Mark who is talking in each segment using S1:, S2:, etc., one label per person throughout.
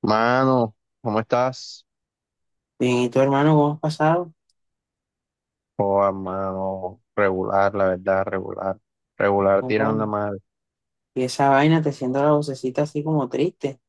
S1: Mano, ¿cómo estás?
S2: Bien, ¿y tu hermano cómo has pasado?
S1: Oh, mano, regular, la verdad, regular. Regular
S2: ¿Cómo
S1: tirando
S2: van?
S1: mal.
S2: Y esa vaina te siento la vocecita así como triste.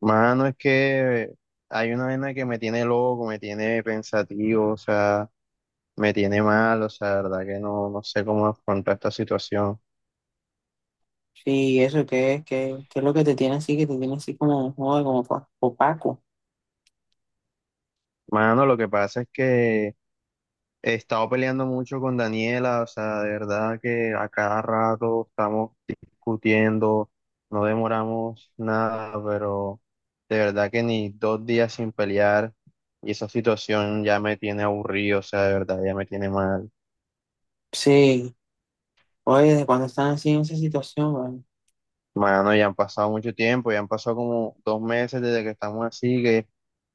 S1: Mano, es que hay una vaina que me tiene loco, me tiene pensativo, o sea, me tiene mal, o sea, la verdad que no sé cómo afrontar esta situación.
S2: Sí, eso, ¿qué es? ¿¿Qué es lo que te tiene así? Que te tiene así como, joder, como opaco.
S1: Mano, lo que pasa es que he estado peleando mucho con Daniela, o sea, de verdad que a cada rato estamos discutiendo, no demoramos nada, pero de verdad que ni dos días sin pelear y esa situación ya me tiene aburrido, o sea, de verdad ya me tiene mal.
S2: Sí, oye, ¿desde cuando están así en esa situación, weón?
S1: Mano, ya han pasado mucho tiempo, ya han pasado como dos meses desde que estamos así, que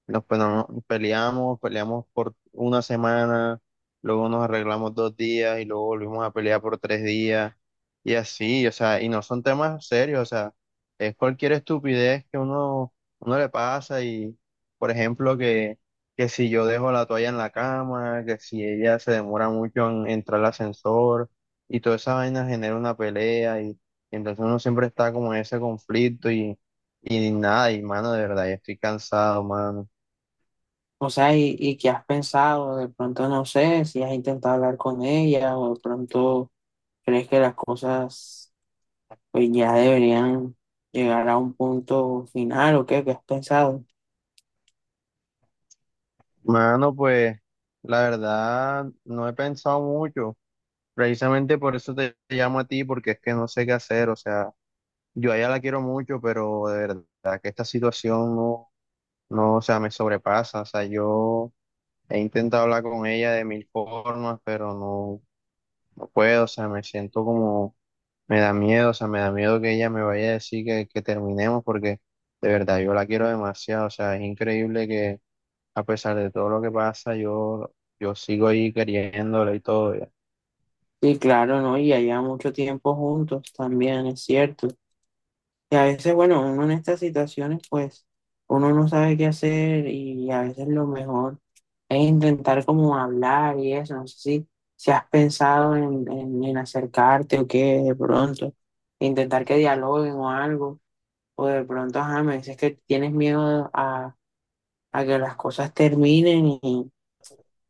S1: nos pe- no- peleamos, peleamos por una semana, luego nos arreglamos dos días y luego volvimos a pelear por tres días y así, o sea, y no son temas serios, o sea, es cualquier estupidez que uno le pasa y, por ejemplo, que si yo dejo la toalla en la cama, que si ella se demora mucho en entrar al ascensor y toda esa vaina genera una pelea y entonces uno siempre está como en ese conflicto y nada, y mano, de verdad, ya estoy cansado, mano.
S2: O sea, ¿y qué has pensado? De pronto no sé si has intentado hablar con ella o de pronto crees que las cosas pues ya deberían llegar a un punto final o qué, ¿qué has pensado?
S1: Mano, pues, la verdad, no he pensado mucho. Precisamente por eso te llamo a ti, porque es que no sé qué hacer. O sea, yo a ella la quiero mucho, pero de verdad que esta situación no, o sea, me sobrepasa. O sea, yo he intentado hablar con ella de mil formas, pero no, no puedo. O sea, me siento como me da miedo, o sea, me da miedo que ella me vaya a decir que terminemos porque de verdad yo la quiero demasiado, o sea, es increíble que a pesar de todo lo que pasa, yo sigo ahí queriéndola y todo. Ya.
S2: Sí, claro, ¿no? Y allá mucho tiempo juntos también, es cierto. Y a veces, bueno, uno en estas situaciones, pues, uno no sabe qué hacer y a veces lo mejor es intentar como hablar y eso. No sé si has pensado en acercarte o qué, de pronto, intentar que dialoguen o algo, o de pronto, ajá, me dices que tienes miedo a que las cosas terminen y,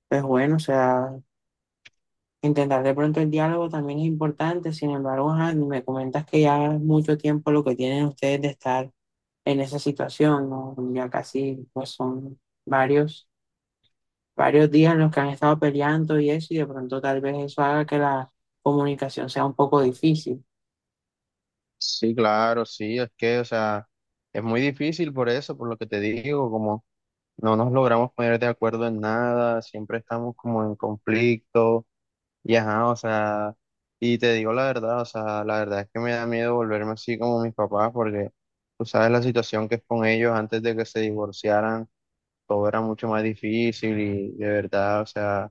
S2: pues, bueno, o sea, intentar de pronto el diálogo también es importante. Sin embargo, ajá, me comentas que ya es mucho tiempo lo que tienen ustedes de estar en esa situación, ¿no? Ya casi pues son varios, varios días en los que han estado peleando y eso, y de pronto tal vez eso haga que la comunicación sea un poco difícil.
S1: Sí, claro, sí, es que, o sea, es muy difícil por eso, por lo que te digo, como no nos logramos poner de acuerdo en nada, siempre estamos como en conflicto. Y ajá, o sea, y te digo la verdad, o sea, la verdad es que me da miedo volverme así como mis papás, porque tú sabes la situación que es con ellos antes de que se divorciaran, todo era mucho más difícil y de verdad, o sea,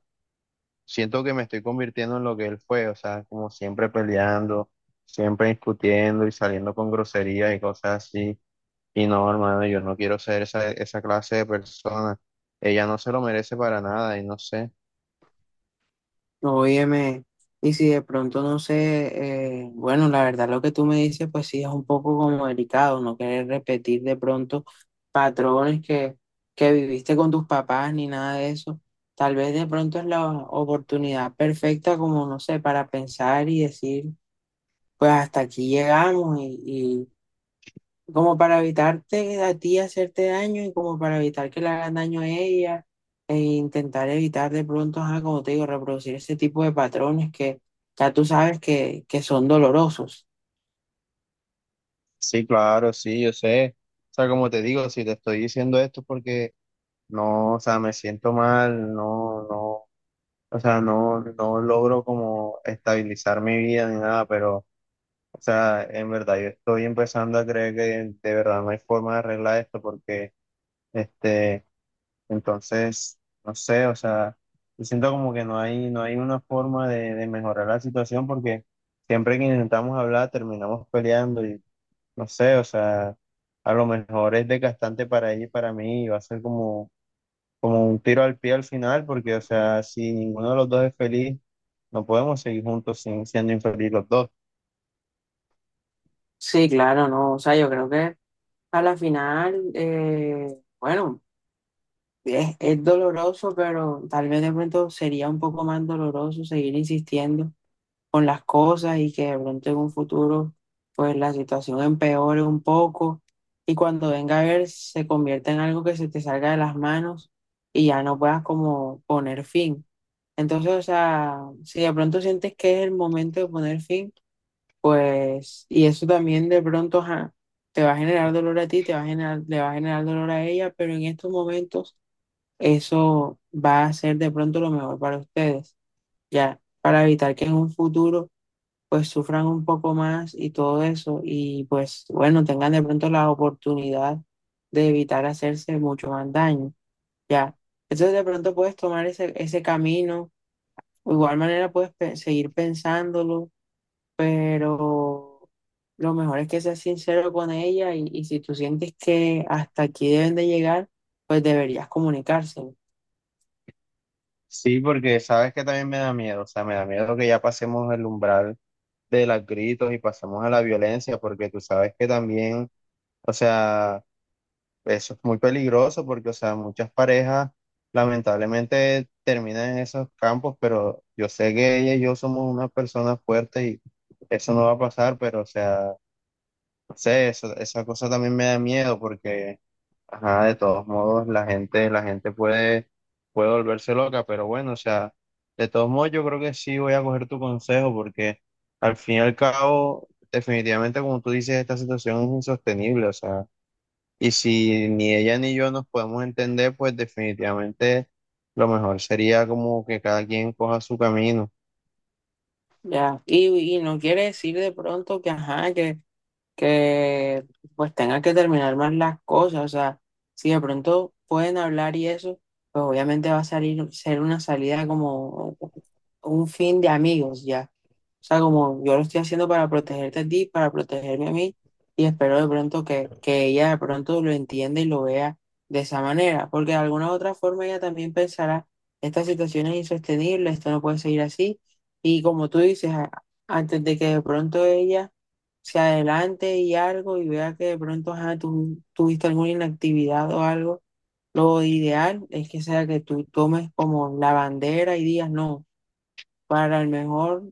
S1: siento que me estoy convirtiendo en lo que él fue, o sea, como siempre peleando, siempre discutiendo y saliendo con groserías y cosas así. Y no, hermano, yo no quiero ser esa clase de persona. Ella no se lo merece para nada y no sé.
S2: Óyeme, y si de pronto no sé, bueno, la verdad lo que tú me dices, pues sí es un poco como delicado, no querer repetir de pronto patrones que viviste con tus papás ni nada de eso. Tal vez de pronto es la oportunidad perfecta como, no sé, para pensar y decir: pues hasta aquí llegamos y como para evitarte a ti hacerte daño y como para evitar que le hagan daño a ella e intentar evitar de pronto, ajá, como te digo, reproducir ese tipo de patrones que ya tú sabes que son dolorosos.
S1: Sí, claro, sí, yo sé. O sea, como te digo, si te estoy diciendo esto porque no, o sea, me siento mal, no, no, o sea, no, no logro como estabilizar mi vida ni nada, pero, o sea, en verdad yo estoy empezando a creer que de verdad no hay forma de arreglar esto porque, este, entonces, no sé, o sea, yo siento como que no hay una forma de mejorar la situación porque siempre que intentamos hablar terminamos peleando. No sé, o sea, a lo mejor es desgastante para ella y para mí, y va a ser como, como un tiro al pie al final, porque, o sea, si ninguno de los dos es feliz, no podemos seguir juntos sin, siendo infelices los dos.
S2: Sí, claro, no, o sea, yo creo que a la final, bueno, es doloroso, pero tal vez de pronto sería un poco más doloroso seguir insistiendo con las cosas y que de pronto en un futuro pues la situación empeore un poco y cuando venga a ver se convierta en algo que se te salga de las manos y ya no puedas como poner fin. Entonces, o sea, si de pronto sientes que es el momento de poner fin, pues, y eso también de pronto ajá, te va a generar dolor a ti, te va a generar, le va a generar dolor a ella, pero en estos momentos eso va a ser de pronto lo mejor para ustedes, ya, para evitar que en un futuro pues sufran un poco más y todo eso, y pues bueno, tengan de pronto la oportunidad de evitar hacerse mucho más daño, ¿ya? Entonces de pronto puedes tomar ese camino, o igual manera puedes seguir pensándolo, pero lo mejor es que seas sincero con ella y si tú sientes que hasta aquí deben de llegar, pues deberías comunicárselo,
S1: Sí, porque sabes que también me da miedo, o sea, me da miedo que ya pasemos el umbral de los gritos y pasemos a la violencia, porque tú sabes que también, o sea, eso es muy peligroso porque, o sea, muchas parejas lamentablemente terminan en esos campos, pero yo sé que ella y yo somos una persona fuerte y eso no va a pasar, pero, o sea, no sé, eso, esa cosa también me da miedo porque, ajá, de todos modos, la gente puede, puede volverse loca, pero bueno, o sea, de todos modos, yo creo que sí voy a coger tu consejo porque al fin y al cabo, definitivamente, como tú dices, esta situación es insostenible, o sea. Y si ni ella ni yo nos podemos entender, pues definitivamente lo mejor sería como que cada quien coja su camino.
S2: ¿ya? Y no quiere decir de pronto que, ajá, que pues tenga que terminar más las cosas, o sea, si de pronto pueden hablar y eso, pues obviamente va a salir, ser una salida como un fin de amigos ya. O sea, como yo lo estoy haciendo para protegerte a ti, para protegerme a mí, y espero de pronto que ella de pronto lo entienda y lo vea de esa manera, porque de alguna u otra forma ella también pensará, esta situación es insostenible, esto no puede seguir así, y como tú dices, antes de que de pronto ella se adelante y algo y vea que de pronto ajá, tú tuviste alguna inactividad o algo, lo ideal es que sea que tú tomes como la bandera y digas no, para el mejor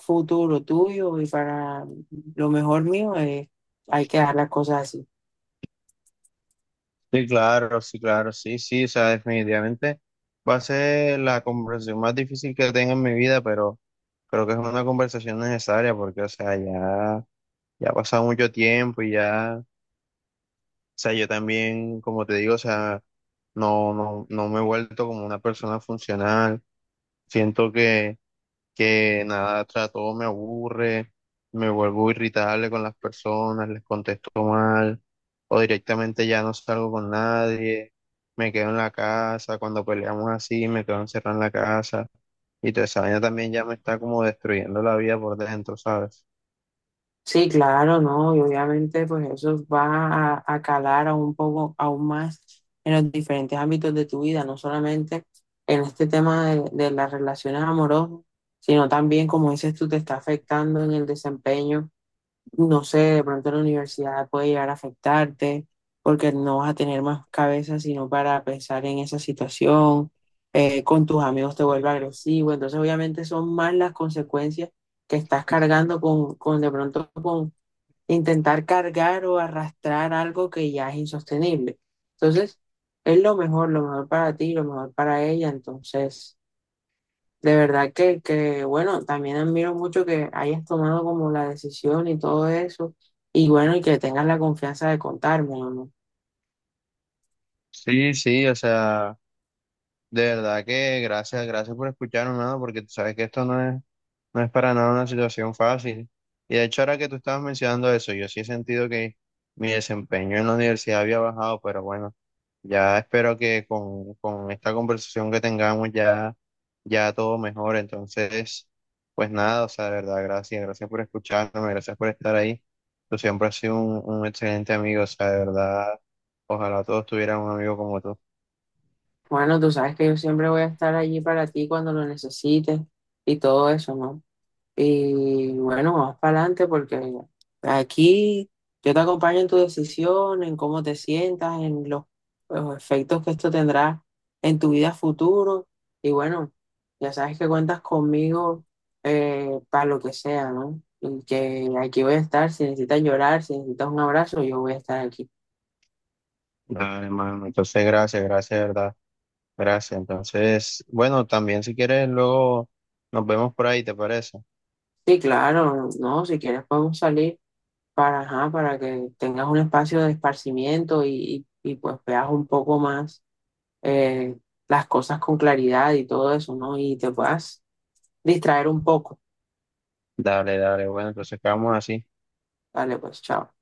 S2: futuro tuyo y para lo mejor mío, hay que dar las cosas así.
S1: Sí, claro, sí, claro, sí, sí, o sea, definitivamente va a ser la conversación más difícil que tenga en mi vida, pero creo que es una conversación necesaria porque, o sea, ya, ya ha pasado mucho tiempo y ya, o sea, yo también, como te digo, o sea, no, no, no me he vuelto como una persona funcional. Siento que nada, tras todo me aburre, me vuelvo irritable con las personas, les contesto mal, o directamente ya no salgo con nadie, me quedo en la casa, cuando peleamos así, me quedo encerrado en la casa, y toda esa vaina también ya me está como destruyendo la vida por dentro, ¿sabes?
S2: Sí, claro, ¿no? Y obviamente pues eso va a calar aún un poco, aún más en los diferentes ámbitos de tu vida, no solamente en este tema de las relaciones amorosas, sino también, como dices tú, te está afectando en el desempeño, no sé, de pronto la universidad puede llegar a afectarte porque no vas a tener más cabeza sino para pensar en esa situación, con tus amigos te vuelve agresivo, entonces obviamente son más las consecuencias que estás cargando con de pronto con intentar cargar o arrastrar algo que ya es insostenible. Entonces, es lo mejor para ti, lo mejor para ella. Entonces, de verdad que bueno, también admiro mucho que hayas tomado como la decisión y todo eso. Y bueno, y que tengas la confianza de contarme, ¿no?
S1: Sí, sí, o sea, de verdad que gracias, gracias por escucharme, mano, porque tú sabes que esto no es, no es para nada una situación fácil. Y de hecho, ahora que tú estabas mencionando eso, yo sí he sentido que mi desempeño en la universidad había bajado, pero bueno, ya espero que con esta conversación que tengamos ya, ya todo mejore. Entonces, pues nada, o sea, de verdad, gracias, gracias por escucharme, gracias por estar ahí. Tú siempre has sido un excelente amigo, o sea, de verdad, ojalá todos tuvieran un amigo como tú.
S2: Bueno, tú sabes que yo siempre voy a estar allí para ti cuando lo necesites y todo eso, ¿no? Y bueno, vas para adelante porque aquí yo te acompaño en tu decisión, en cómo te sientas, en los efectos que esto tendrá en tu vida futuro. Y bueno, ya sabes que cuentas conmigo, para lo que sea, ¿no? Y que aquí voy a estar, si necesitas llorar, si necesitas un abrazo, yo voy a estar aquí.
S1: Dale, hermano. Entonces, gracias, gracias, de verdad. Gracias. Entonces, bueno, también si quieres, luego nos vemos por ahí, ¿te parece?
S2: Sí, claro, no, si quieres podemos salir para, ajá, para que tengas un espacio de esparcimiento pues veas un poco más, eh, las cosas con claridad y todo eso, ¿no? Y te puedas distraer un poco.
S1: Dale, dale. Bueno, entonces quedamos así.
S2: Vale, pues, chao.